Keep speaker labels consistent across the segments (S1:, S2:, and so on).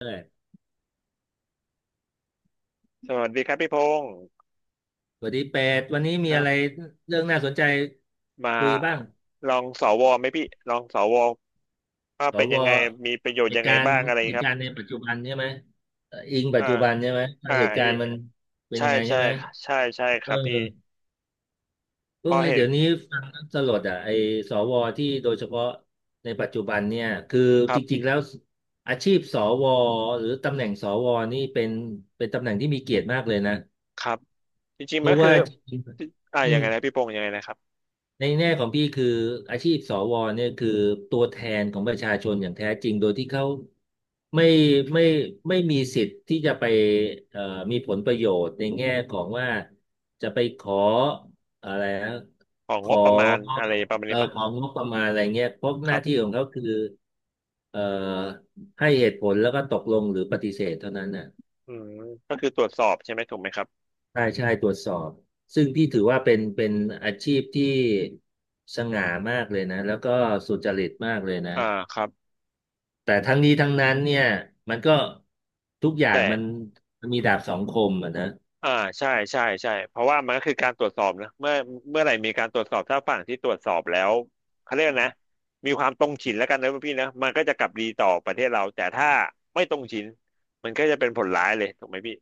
S1: เออ
S2: สวัสดีครับพี่พงศ์
S1: สวัสดีเป็ดวันนี้
S2: ค
S1: มี
S2: รั
S1: อะไร
S2: บ
S1: เรื่องน่าสนใจ
S2: มา
S1: คุยบ้าง
S2: ลองสวไหมพี่ลองสวว่า
S1: ส
S2: เป็น
S1: ว
S2: ยังไงมีประโยช
S1: เห
S2: น์ยั
S1: ตุ
S2: งไง
S1: การณ์
S2: บ้างอะไรครับ
S1: ในปัจจุบันใช่ไหมอิงปั
S2: อ่า
S1: จจุบันใช่ไหมว่า
S2: อ่า
S1: เหตุกา
S2: อี
S1: รณ์มันเป็น
S2: ใช่
S1: ยังไงใช่
S2: ใช่
S1: ไหม
S2: ใช่ค
S1: เออ
S2: รับพี่
S1: โอ้
S2: พอ
S1: ย
S2: เห็น
S1: เดี๋ยวนี้ฟังแล้วสลดอ่ะไอ้สวที่โดยเฉพาะในปัจจุบันเนี่ยคือ
S2: ค
S1: จ
S2: รั
S1: ริ
S2: บ
S1: งๆแล้วอาชีพสวหรือตำแหน่งสวนี่เป็นตำแหน่งที่มีเกียรติมากเลยนะ
S2: ครับจริง
S1: เพ
S2: ๆมัน
S1: ราะ
S2: ก็
S1: ว่า
S2: คือ
S1: จริง
S2: อ่า
S1: ๆ
S2: ยังไงนะพี่พงศ์ยังไงนะครับ
S1: ในแง่ของพี่คืออาชีพสวเนี่ยคือตัวแทนของประชาชนอย่างแท้จริงโดยที่เขาไม่ไม่ไม่มีสิทธิ์ที่จะไปเอ่อมีผลประโยชน์ในแง่ของว่าจะไปขออะไรนะ
S2: ของ
S1: ข
S2: ง
S1: อ
S2: บประมาณอะไรประมาณนี้ปะ
S1: ของงบประมาณอะไรเงี้ยเพราะ
S2: ค
S1: ห
S2: รั
S1: น้าที่
S2: บ
S1: ของเขาคือเอ่อให้เหตุผลแล้วก็ตกลงหรือปฏิเสธเท่านั้นน่ะ
S2: อืมก็คือตรวจสอบใช่ไหมถูกไหมครับ
S1: ใช่ใช่ตรวจสอบซึ่งพี่ถือว่าเป็นอาชีพที่สง่ามากเลยนะแล้วก็สุจริตมากเลยนะ
S2: อ่าครับ
S1: แต่ทั้งนี้ทั้งนั้นเนี่ยมันก็ทุกอย่าง
S2: แต่
S1: มันมีดาบสองคมอะนะ
S2: อ่าใช่ใช่ใช่เพราะว่ามันก็คือการตรวจสอบนะเมื่อไหร่มีการตรวจสอบถ้าฝั่งที่ตรวจสอบแล้วเขาเรียกนะมีความตรงฉินแล้วกันนะพี่นะมันก็จะกลับดีต่อประเทศเราแต่ถ้าไม่ตรงฉินมันก็จะเป็นผลร้ายเลยถูกไหมพี่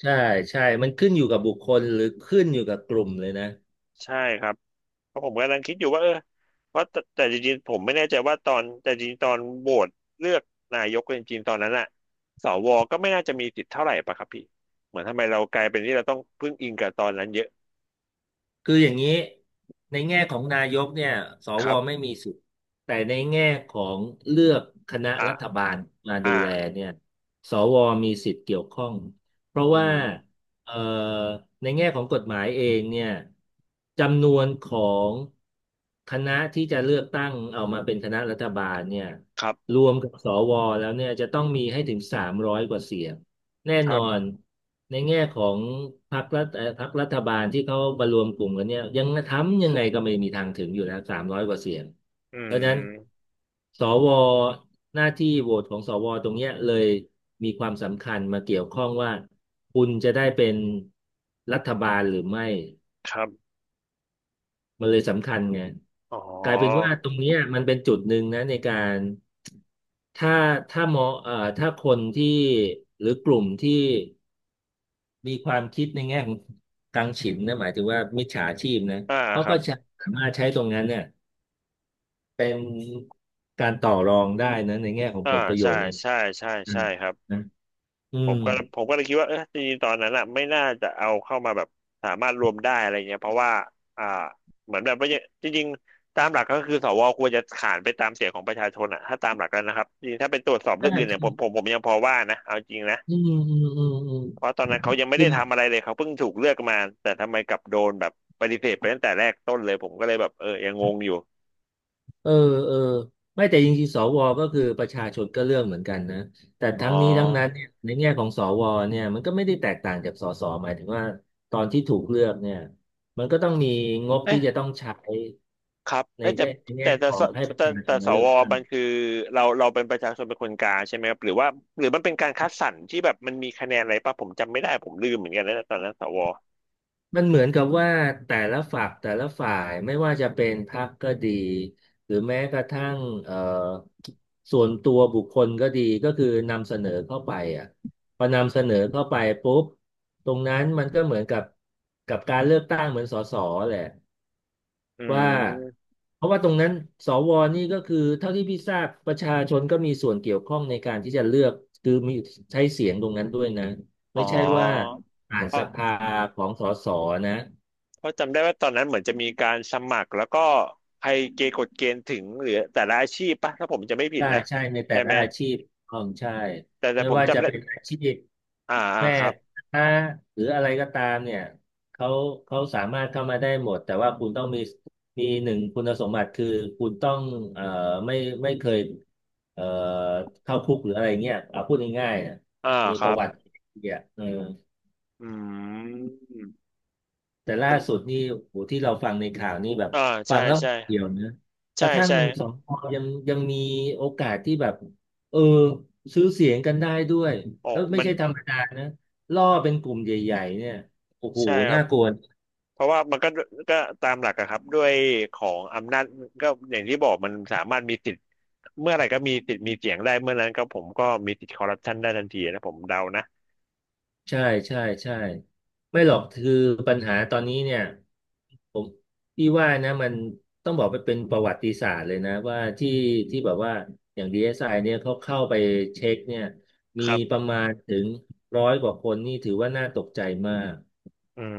S1: ใช่ใช่มันขึ้นอยู่กับบุคคลหรือขึ้นอยู่กับกลุ่มเลยนะ
S2: ใช่ครับเพราะผมกำลังคิดอยู่ว่าว่าแต่จริงๆผมไม่แน่ใจว่าตอนแต่จริงๆตอนโหวตเลือกนายกจริงๆตอนนั้นอะสวก็ไม่น่าจะมีสิทธิ์เท่าไหร่ปะครับพี่เหมือนทำไมเรากลายเป็นที่เราต้องพึ่งอิงกับตอนนั้นเยอะ
S1: คืออย่างนี้ในแง่ของนายกเนี่ยส
S2: ค
S1: ว
S2: รับ
S1: ไม่มีสิทธิ์แต่ในแง่ของเลือกคณะ
S2: อ่า
S1: รัฐบาลมาดู
S2: อ่า
S1: แลเนี่ยสวมีสิทธิ์เกี่ยวข้องเพราะ
S2: อื
S1: ว่า
S2: ม
S1: เอ่อในแง่ของกฎหมายเองเนี่ยจำนวนของคณะที่จะเลือกตั้งเอามาเป็นคณะรัฐบาลเนี่ย
S2: ครับ
S1: รวมกับสวแล้วเนี่ยจะต้องมีให้ถึงสามร้อยกว่าเสียงแน่
S2: ค
S1: น
S2: รั
S1: อน
S2: บ
S1: ในแง่ของพรรครัฐพรรครัฐบาลที่เขามารวมกลุ่มกันเนี่ยยังทำยังไงก็ไม่มีทางถึงอยู่แล้วสามร้อยกว่าเสียง
S2: อืม
S1: สวหน้าที่โหวตของสวตรงเนี้ยเลยมีความสำคัญมาเกี่ยวข้องว่าคุณจะได้เป็นรัฐบาลหรือไม่
S2: ครับ
S1: มันเลยสำคัญไง
S2: อ๋
S1: กลายเป็น
S2: อ
S1: ว่าตรงเนี้ยมันเป็นจุดหนึ่งนะในการถ้าถ้ามองถ้าคนที่หรือกลุ่มที่ มีความคิดในแง่ของกังฉิมนะหมายถึงว่ามิจฉาชีพนะ
S2: อ่า
S1: เขา
S2: ครั
S1: ก็
S2: บ
S1: จะสามารถใช้ตรงนั้นเนี่ยเป็นการต่อรองได้นะในแง่ของ
S2: อ่า
S1: ผลประโย
S2: ใช่
S1: ชน์เนี่ย
S2: ใช่ใช่
S1: อื
S2: ใช่
S1: ม
S2: ครับ
S1: นะอื
S2: ผ
S1: ม
S2: มก็ผมก็เลยคิดว่าจริงๆตอนนั้นอ่ะไม่น่าจะเอาเข้ามาแบบสามารถรวมได้อะไรเงี้ยเพราะว่าอ่าเหมือนแบบว่าจริงๆตามหลักก็คือสวควรจะขานไปตามเสียงของประชาชนอ่ะถ้าตามหลักแล้วนะครับจริงๆถ้าไปตรวจสอบ
S1: ใช่
S2: เรื่องอื่นเนี่ยผมผ
S1: ใช่
S2: มผมยังพอว่านะเอาจริงนะ
S1: อืมอืมอื
S2: เพราะ
S1: ม
S2: ตอนนั้นเขายังไม่
S1: อื
S2: ได้ทำอะไร
S1: ม
S2: เลยเขาเพิ่งถูกเลือกมาแต่ทำไมกลับโดนแบบปฏิเสธไปตั้งแต่แรกต้นเลยผมก็เลยแบบยังงงอยู่
S1: เออเออไม่แต่จริงๆสวก็คือประชาชนก็เลือกเหมือนกันนะแต่
S2: อ๋อ
S1: ทั้งนี้ทั้งนั้นเนี่ยในแง่ของสวเนี่ยมันก็ไม่ได้แตกต่างจากสสหมายถึงว่าตอนที่ถูกเลือกเนี่ยมันก็ต้องมีงบ
S2: เอ๊ะ
S1: ที่จะต้องใช้
S2: ครับเอ๊ะแต่
S1: ใน
S2: แต่
S1: แง่
S2: แต่
S1: ขอ
S2: ส
S1: งให้ประ
S2: แต่
S1: ชาช
S2: แต่
S1: น
S2: ส
S1: มาเลือ
S2: ว
S1: กตั้ง
S2: มันคือเราเป็นประชาชนเป็นคนกลางใช่ไหมครับหรือว่าหรือมันเป็นการคัดสรรที่แบบมันมีคะแนนอะไรป่ะผมจำไม่ได้ผมลืมเหมือนกันนะตอนนั้นสว
S1: มันเหมือนกับว่าแต่ละฝักแต่ละฝ่ายไม่ว่าจะเป็นพรรคก็ดีหรือแม้กระทั่งเอ่อส่วนตัวบุคคลก็ดีก็คือนำเสนอเข้าไปอ่ะพอนำเสนอเข้าไปปุ๊บตรงนั้นมันก็เหมือนกับการเลือกตั้งเหมือนสสแหละ
S2: อื
S1: ว่า
S2: ม
S1: เพราะว่าตรงนั้นสวนี่ก็คือเท่าที่พี่ทราบประชาชนก็มีส่วนเกี่ยวข้องในการที่จะเลือกคือมีใช้เสียงตรงนั้นด้วยนะ
S2: อ๋อ
S1: ไม่ใช่ว่าผ่าน
S2: เพ
S1: ส
S2: ราะ
S1: ภาของสสนะ
S2: เพราะจำได้ว่าตอนนั้นเหมือนจะมีการสมัครแล้วก็ใครเกณฑ์กฎเกณฑ์ถึงหรือแต่ละอาชีพป่ะถ้าผมจะไม่ผิด
S1: ใช่
S2: นะ
S1: ใช่ในแต่
S2: ใช่
S1: ละ
S2: ไหม
S1: อาชีพของใช่
S2: แต่
S1: ไม่
S2: ผม
S1: ว่าจะ
S2: จำได้
S1: เป็นอาชีพ
S2: อ่าอ่า
S1: แม่
S2: ครับ
S1: ค้าหรืออะไรก็ตามเนี่ยเขาเขาสามารถเข้ามาได้หมดแต่ว่าคุณต้องมีหนึ่งคุณสมบัติคือคุณต้องเอ่อไม่ไม่เคยเอ่อเข้าคุกหรืออะไรเงี้ยเอาพูดง่ายๆนะ
S2: อ่า
S1: มี
S2: ค
S1: ป
S2: รั
S1: ระ
S2: บ
S1: วัติเนี่ยเออ
S2: อืม
S1: แต่
S2: ผ
S1: ล่าสุด
S2: ม
S1: นี่โหที่เราฟังในข่าวนี่แบบ
S2: อ่า
S1: ฟั
S2: ใช่
S1: งแล้ว
S2: ใช่
S1: เดียวนะก
S2: ใช่
S1: ระทั่ง
S2: ใช่
S1: สองพยังมีโอกาสที่แบบเออซื้อเสียงกันได้ด้วย
S2: อ๋อ
S1: แล้วไม่
S2: มัน
S1: ใช่ธรรมดานะล่อเป็นกลุ่มใหญ่ๆเนี่ยโอ้โห
S2: ใช่ครั
S1: น่า
S2: บ
S1: กลัว
S2: เพราะว่ามันก็ตามหลักอะครับด้วยของอำนาจก็อย่างที่บอกมันสามารถมีสิทธิ์เมื่อไหร่ก็มีสิทธิ์มีเสียงได้เมื่อนั้นก็ผมก็มีสิทธิ์คอร์รัปชันได้ทันทีนะผมเดานะ
S1: ใช่ใช่ใช่ไม่หรอกคือปัญหาตอนนี้เนี่ย ผมพี่ว่านะมันต้องบอกไปเป็นประวัติศาสตร์เลยนะว่าที่ที่แบบว่าอย่าง DSI เอสไอเนี่ยเขาเข้าไปเช็คเนี่ย
S2: ค
S1: มี
S2: รั
S1: ประ
S2: บ
S1: มาณถึงร้อยกว่าคนนี่ถือว่าน่าตกใจมาก
S2: อืม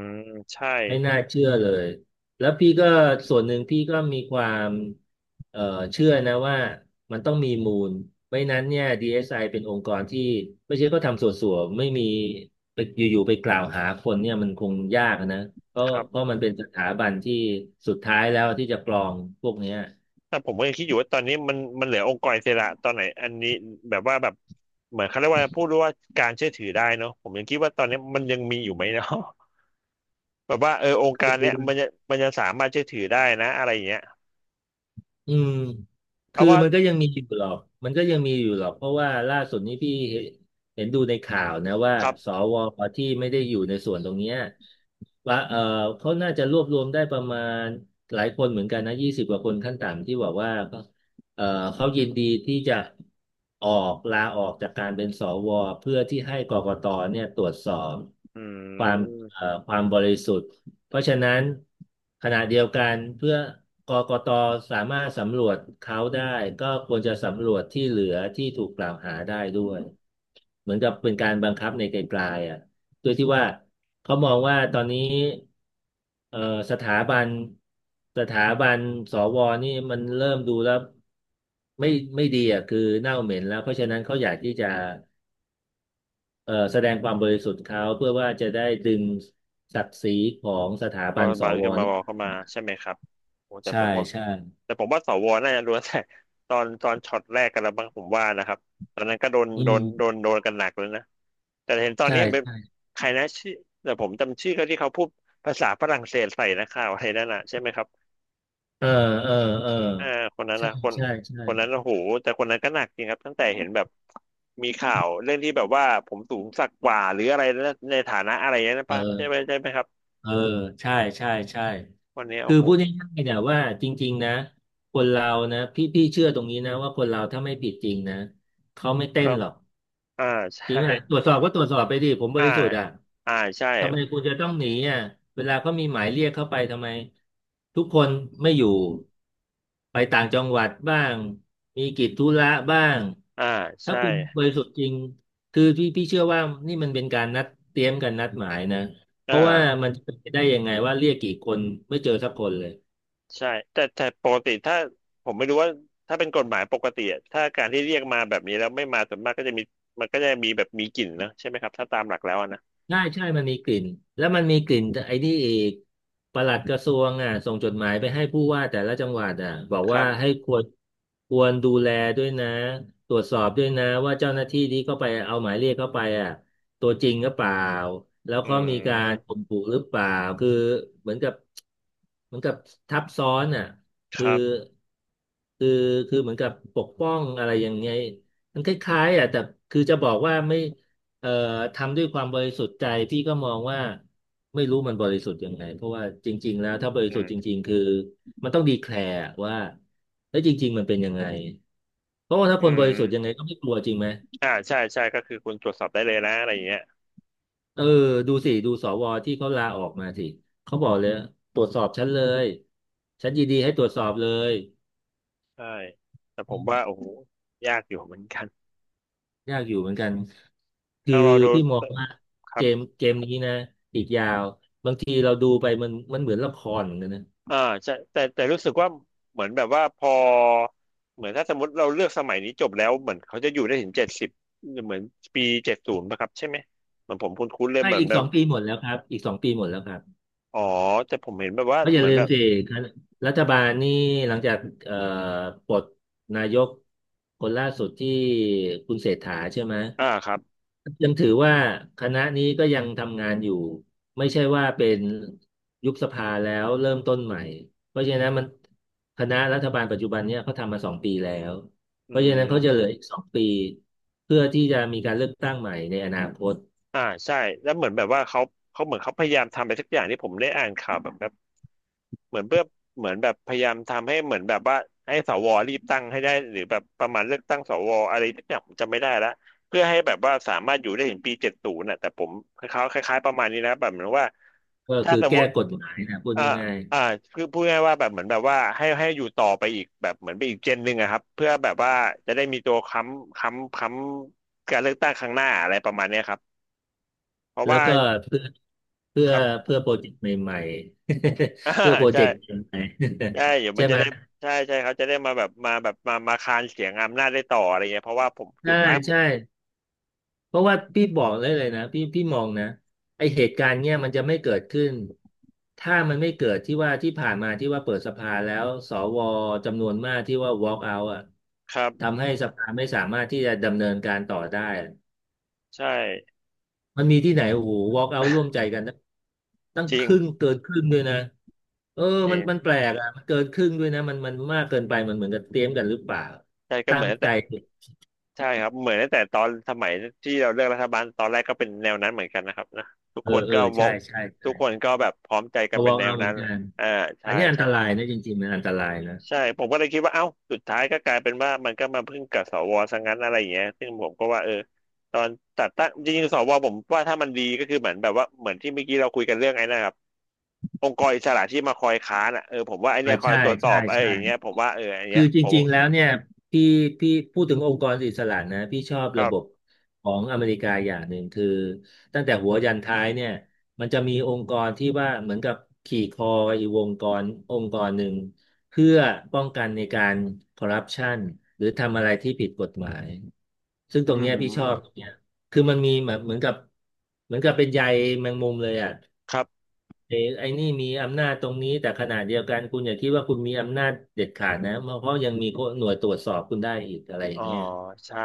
S2: ใช่
S1: ไม่น่าเชื่อเลย แล้วพี่ก็ส่วนหนึ่งพี่ก็มีความเอ่อเชื่อนะว่ามันต้องมีมูลไม่นั้นเนี่ย DSI เอสไอเป็นองค์กรที่ไม่ใช่ก็ทำส่วนๆไม่มีไปอยู่ๆ ไปกล่าวหาคนเนี่ยมันคงยากนะเพราะ
S2: ครั
S1: เพราะ
S2: บ
S1: มันเป็นสถาบันที่สุดท้ายแล้วที่จะกรองพวกเนี้ย
S2: แต่ผมก็ยังคิดอยู่ว่าตอนนี้มันเหลือองค์กรอิสระตอนไหนอันนี้แบบว่าแบบเหมือนเขาเรียกว่าพูดว่าการเชื่อถือได้เนาะผมยังคิดว่าตอนนี้มันยังมีอยู่ไหมเนาะ แบบว่าองค์การเนี้ยมันจะสามารถเชื่อถือได้นะอะไรอย่างเงี้ย
S1: อืม
S2: เพ
S1: คื
S2: ราะ
S1: อ
S2: ว่า
S1: มันก็ยังมีอยู่หรอกมันก็ยังมีอยู่หรอกเพราะว่าล่าสุดนี้พี่เห็นดูในข่าวนะว่า
S2: ครับ
S1: สวที่ไม่ได้อยู่ในส่วนตรงเนี้ยว่าเขาน่าจะรวบรวมได้ประมาณหลายคนเหมือนกันนะยี่สิบกว่าคนขั้นต่ำที่บอกว่าเออเขายินดีที่จะออกลาออกจากการเป็นสวเพื่อที่ให้กกตเนี่ยตรวจสอบ
S2: อื
S1: ความเอ่อ
S2: ม
S1: ความบริสุทธิ์ เพราะฉะนั้นขณะเดียวกันเพื่อกกตสามารถสำรวจเขาได้ก็ควรจะสำรวจที่เหลือที่ถูกกล่าวหาได้ด้วยเหมือนกับเป็นการบังคับในไกลๆอ่ะโดยที่ว่าเขามองว่าตอนนี้เอ่อสถาบันสถาบันสวนี่มันเริ่มดูแล้วไม่ไม่ดีอ่ะคือเน่าเหม็นแล้วเพราะฉะนั้นเขาอยากที่จะแสดงความบริสุทธิ์เขาเพื่อว่าจะได้ดึงศักดิ์ศรีของสถา
S2: เพ
S1: บั
S2: ราะ
S1: นส
S2: บาน
S1: ว
S2: ขึ้นมาบอเข้ามาใช่ไหมครับโอ้แต่
S1: ใช่
S2: ผมก็
S1: ใช่
S2: แต่ผมว่าสวน่าจะรู้แต่ตอนช็อตแรกกันแล้วบ้างผมว่านะครับตอนนั้นก็โดน
S1: อื
S2: โดนโดน
S1: ม
S2: โดนกันหนักเลยนะแต่เห็นตอน
S1: ใช่
S2: นี้เป็น
S1: ใช่
S2: ใครนะชื่อแต่ผมจำชื่อเขาที่เขาพูดภาษาฝรั่งเศสใส่นะข่าวอะไรนั่นน่ะใช่ไหมครับ
S1: เออเออเออ
S2: อ่าคนนั้น
S1: ใช่
S2: นะคน
S1: ใช่ใช่
S2: คนนั้นโอ้โหแต่คนนั้นก็หนักจริงครับตั้งแต่เห็นแบบมีข่าวเรื่องที่แบบว่าผมสูงสักกว่าหรืออะไรนะในฐานะอะไรนะป้าใช่ไหม
S1: เออ
S2: ใช่ไหมครับ
S1: เออใช่ใช่ใช่
S2: วันนี้
S1: คื
S2: โอ้
S1: อ
S2: โห
S1: พูดง่ายๆเนี่ยว่าจริงๆนะคนเรานะพี่เชื่อตรงนี้นะว่าคนเราถ้าไม่ผิดจริงนะเขาไม่เต้
S2: เริ่
S1: น
S2: ม
S1: หรอก
S2: อ่า
S1: จริง
S2: ใช่
S1: ไหมตรวจสอบก็ตรวจสอบไปดิผมบ
S2: อ่า
S1: ริสุทธิ์อ่ะ
S2: อ่าใช่
S1: ทำไมคุณจะต้องหนีอ่ะเวลาเขามีหมายเรียกเข้าไปทำไมทุกคนไม่อยู่ไปต่างจังหวัดบ้างมีกิจธุระบ้าง
S2: อ่า
S1: ถ้า
S2: ใช่
S1: คุณบริสุทธิ์จริงคือพี่เชื่อว่านี่มันเป็นการนัดเตรียมกันนัดหมายนะเพ
S2: อ่
S1: ราะว่า
S2: า
S1: มันจะเป็นไปได้ยังไงว่าเรียกกี่คนไม่เจอสักคนเลย
S2: ใช่ แต่ปกติถ้าผมไม่รู้ว่าถ้าเป็นกฎหมายปกติอะถ้าการที่เรียกมาแบบนี้แล้วไม่มาส่วนมากก็จะมีก็จะมีแบบมีกลิ่นนะใช่ไหมครับ ถ้าตามหลักแล้วอะนะ
S1: ใช่ใช่มันมีกลิ่นแล้วมันมีกลิ่นไอ้นี่อีกปลัดกระทรวงอ่ะส่งจดหมายไปให้ผู้ว่าแต่ละจังหวัดอ่ะบอก
S2: ครั
S1: ว่า
S2: บ
S1: ให้ควรดูแลด้วยนะตรวจสอบด้วยนะว่าเจ้าหน้าที่ที่เข้าไปเอาหมายเรียกเข้าไปอ่ะตัวจริงหรือเปล่าแล้ว
S2: อื
S1: เขามีการข่
S2: ม
S1: มขู่หรือเปล่าคือเหมือนกับเหมือนกับทับซ้อนอ่ะ
S2: ค
S1: คือ
S2: รับ
S1: คือคือเหมือนกับปกป้องอะไรอย่างเงี้ยมันคล้ายๆอ่ะแต่คือจะบอกว่าไม่ เอ่อทำด้วยความบริสุทธิ์ใจพี่ก็มองว่าไม่รู้มันบริสุทธิ์ยังไงเพราะว่าจริงๆแล้วถ้าบริ
S2: อื
S1: สุทธิ์จ
S2: ม
S1: ริงๆคือมันต้องดีแคลร์ว่าเอ้ยจริงๆมันเป็นยังไงเพราะว่าถ้า
S2: อื
S1: คนบ
S2: ม
S1: ริสุทธิ์ยังไงก็ไม่กลัวจริงไหม
S2: อ่าใช่ใช่ก็คือคุณตรวจสอบได้เลยนะอะไรอย่างเงี้ย
S1: เออดูสิดูสวที่เขาลาออกมาสิเขาบอกเลยตรวจสอบฉันเลยฉันยินดีให้ตรวจสอบเลย
S2: ใช่แต่ผ
S1: อื
S2: ม
S1: ม
S2: ว่าโอ้โหยากอยู่เหมือนกัน
S1: ยากอยู่เหมือนกันคือ
S2: ต้องรอดู
S1: พี่มองว่า
S2: ค
S1: เก
S2: รั
S1: ม
S2: บ
S1: เกมนี้นะอีกยาวบางทีเราดูไปมันเหมือนละครเหมือนกันนะ
S2: อ่าใช่แต่รู้สึกว่าเหมือนแบบว่าพอเหมือนถ้าสมมติเราเลือกสมัยนี้จบแล้วเหมือนเขาจะอยู่ได้ถึง70เหมือนปี70ป่ะครับใช่ไหมเหมือนผมคุ้นๆเลย
S1: ไม่
S2: เหมือน
S1: อีก
S2: แบ
S1: ส
S2: บ
S1: องปีหมดแล้วครับอีกสองปีหมดแล้วครับ
S2: อ๋อแต่ผมเห็นแบบว่า
S1: เพราะอ
S2: เห
S1: ย่า
S2: มือน
S1: ลืม
S2: แบบ
S1: สิคณะรัฐบาลนี่หลังจากเอ่อปลดนายกคนล่าสุดที่คุณเศรษฐาใช่ไหม
S2: อ่าครับ
S1: ยังถือว่าคณะนี้ก็ยังทำงานอยู่ไม่ใช่ว่าเป็นยุบสภาแล้วเริ่มต้นใหม่เพราะฉะนั้นคณะรัฐบาลปัจจุบันเนี่ยเขาทำมาสองปีแล้ว
S2: อื
S1: เพราะฉะนั้นเขาจะเหลือ
S2: ม
S1: อีกสองปีเพื่อที่จะมีการเลือกตั้งใหม่ในอนาคต
S2: อ่าใช่แล้วเหมือนแบบว่าเขาเขาเหมือนเขาพยายามทำอะไรสักอย่างที่ผมได้อ่านข่าวแบบ เหมือนเพื่อเหมือนแบบพยายามทำให้เหมือนแบบว่าให้สวรีบตั้งให้ได้หรือแบบประมาณเลือกตั้งสวอะไรที่อย่างผมจำไม่ได้ละเพื่อให้แบบว่าสามารถอยู่ได้ถึงปีเจ็ดศูนย์น่ะแต่ผมคล้ายๆคล้ายๆประมาณนี้นะแบบเหมือนว่า
S1: ก็
S2: ถ้า
S1: คือ
S2: สมม
S1: แก้
S2: ติ
S1: กฎหมายนะพูด
S2: อ่า
S1: ง่าย
S2: อ่าคือพูดง่ายๆว่าแบบเหมือนแบบว่าให้อยู่ต่อไปอีกแบบเหมือนไปอีกเจนหนึ่งอะครับเพื่อแบบว่าจะได้มีตัวค้ำการเลือกตั้งครั้งหน้าอะไรประมาณเนี้ยครับเพราะ
S1: แล้ว
S2: ว่า
S1: ก็เพื่อเพื่
S2: ค
S1: อ
S2: รับ
S1: เพื่อโปรเจกต์ใหม่ๆ
S2: อ่า
S1: เพื่อโปร
S2: ใช่
S1: เจกต์ใหม่
S2: ใช่เดี๋ย
S1: ๆ
S2: ว มั
S1: ใช่
S2: นจะ
S1: ไหม
S2: ได้ใช่เขาจะได้มาแบบมาแบบมามาคานเสียงอำนาจได้ต่ออะไรเงี้ยเพราะว่าผมสุ
S1: ใช่
S2: ดท้าย
S1: ใช่เพราะว่าพี่บอกเลยนะพี่มองนะไอเหตุการณ์เนี้ยมันจะไม่เกิดขึ้นถ้ามันไม่เกิดที่ว่าที่ผ่านมาที่ว่าเปิดสภาแล้วสวจำนวนมากที่ว่า walk out อ่ะ
S2: ครับ
S1: ทำให้สภาไม่สามารถที่จะดำเนินการต่อได้
S2: ใช่
S1: มันมีที่ไหนโอ้โห walk out ร่วมใจกันนะตั้ง
S2: จริ
S1: ค
S2: ง
S1: รึ่งเกินครึ่งด้วยนะเออ
S2: จ
S1: มั
S2: ริ
S1: นมัน
S2: ง
S1: แปลกอ่ะมันเกินครึ่งด้วยนะมันมากเกินไปมันเหมือนกับเตรียมกันหรือเปล่า
S2: ใช่ก็
S1: ตั้
S2: เหมื
S1: ง
S2: อนตั้ง
S1: ใจ
S2: แต่ใช่ครับเหมือนตั้งแต่ตอนสมัยที่เราเลือกรัฐบาลตอนแรกก็เป็นแนวนั้นเหมือนกันนะครับนะทุก
S1: เออ
S2: คน
S1: เออ
S2: ก็บอ
S1: ใช่
S2: ก
S1: ใช่
S2: ทุกค
S1: ใช่
S2: นก็แบบพร้อมใจ
S1: พ
S2: กัน
S1: อ
S2: เป็น
S1: walk
S2: แนว
S1: out เหมื
S2: นั้
S1: อ
S2: น
S1: นกัน
S2: อ่า
S1: อั
S2: ใช่
S1: นนี้อัน
S2: ใช่
S1: ตรายนะจริงๆมันอันตรายนะ
S2: ใช่ผมก็เลยคิดว่าเอ้าสุดท้ายก็กลายเป็นว่ามันก็มาพึ่งกับสวซะงั้นอะไรอย่างเงี้ยซึ่งผมก็ว่าเออตอนตัดตั้งจริงๆสวผมว่าถ้ามันดีก็คือเหมือนแบบว่าเหมือนที่เมื่อกี้เราคุยกันเรื่องไอ้นะครับ องค์กรอิสระที่มาคอยค้านอ่ะเออผมว่าไอเนี้
S1: อ่า
S2: ยคอย
S1: ใช่
S2: ตรวจสอ
S1: ใช่
S2: บไออ
S1: ใช่
S2: อย่างเงี้ยผมว่าเอออัน
S1: คื
S2: เนี้
S1: อ
S2: ย
S1: จ
S2: ผม
S1: ริงๆแล้วเนี่ยพี่พี่พูดถึงองค์กรอิสระนะพี่ชอบระ
S2: ก็
S1: บบของอเมริกาอย่างหนึ่งคือตั้งแต่หัวยันท้ายเนี่ยมันจะมีองค์กรที่ว่าเหมือนกับขี่คออีกองค์กรองค์กรหนึ่งเพื่อป้องกันในการคอร์รัปชันหรือทำอะไรที่ผิดกฎหมายซึ่งตร
S2: อื
S1: งเนี้ยพี่ชอบตรง
S2: ม
S1: เนี้ยคือมันมีแบบเหมือนกับเป็นใยแมงมุมเลยอ่ะ
S2: ครับ
S1: ไอ้นี่มีอำนาจตรงนี้แต่ขณะเดียวกันคุณอย่าคิดว่าคุณมีอำนาจเด็ดขาดนะเพราะยังมีหน่วยตรวจสอบคุณได้อีกอะไรอ
S2: อ๋
S1: ย่า
S2: อ
S1: งเงี้ย
S2: ใช่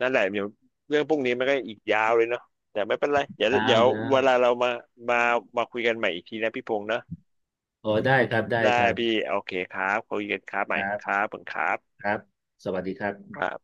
S2: นั่นแหละเดี๋ยวเรื่องพวกนี้มันก็อีกยาวเลยเนาะแต่ไม่เป็นไรเดี๋ยว
S1: ยา
S2: เดี๋
S1: ว
S2: ยว
S1: ยา
S2: เวลา
S1: ว
S2: เรามามาคุยกันใหม่อีกทีนะพี่พงษ์นะ
S1: โอ้ได้ครับได้
S2: ได้
S1: ครับ
S2: พี่โอเคครับคุยกันครับให
S1: ค
S2: ม่ครั
S1: รับ
S2: บผมครับ
S1: ครับสวัสดีครับ
S2: ครับ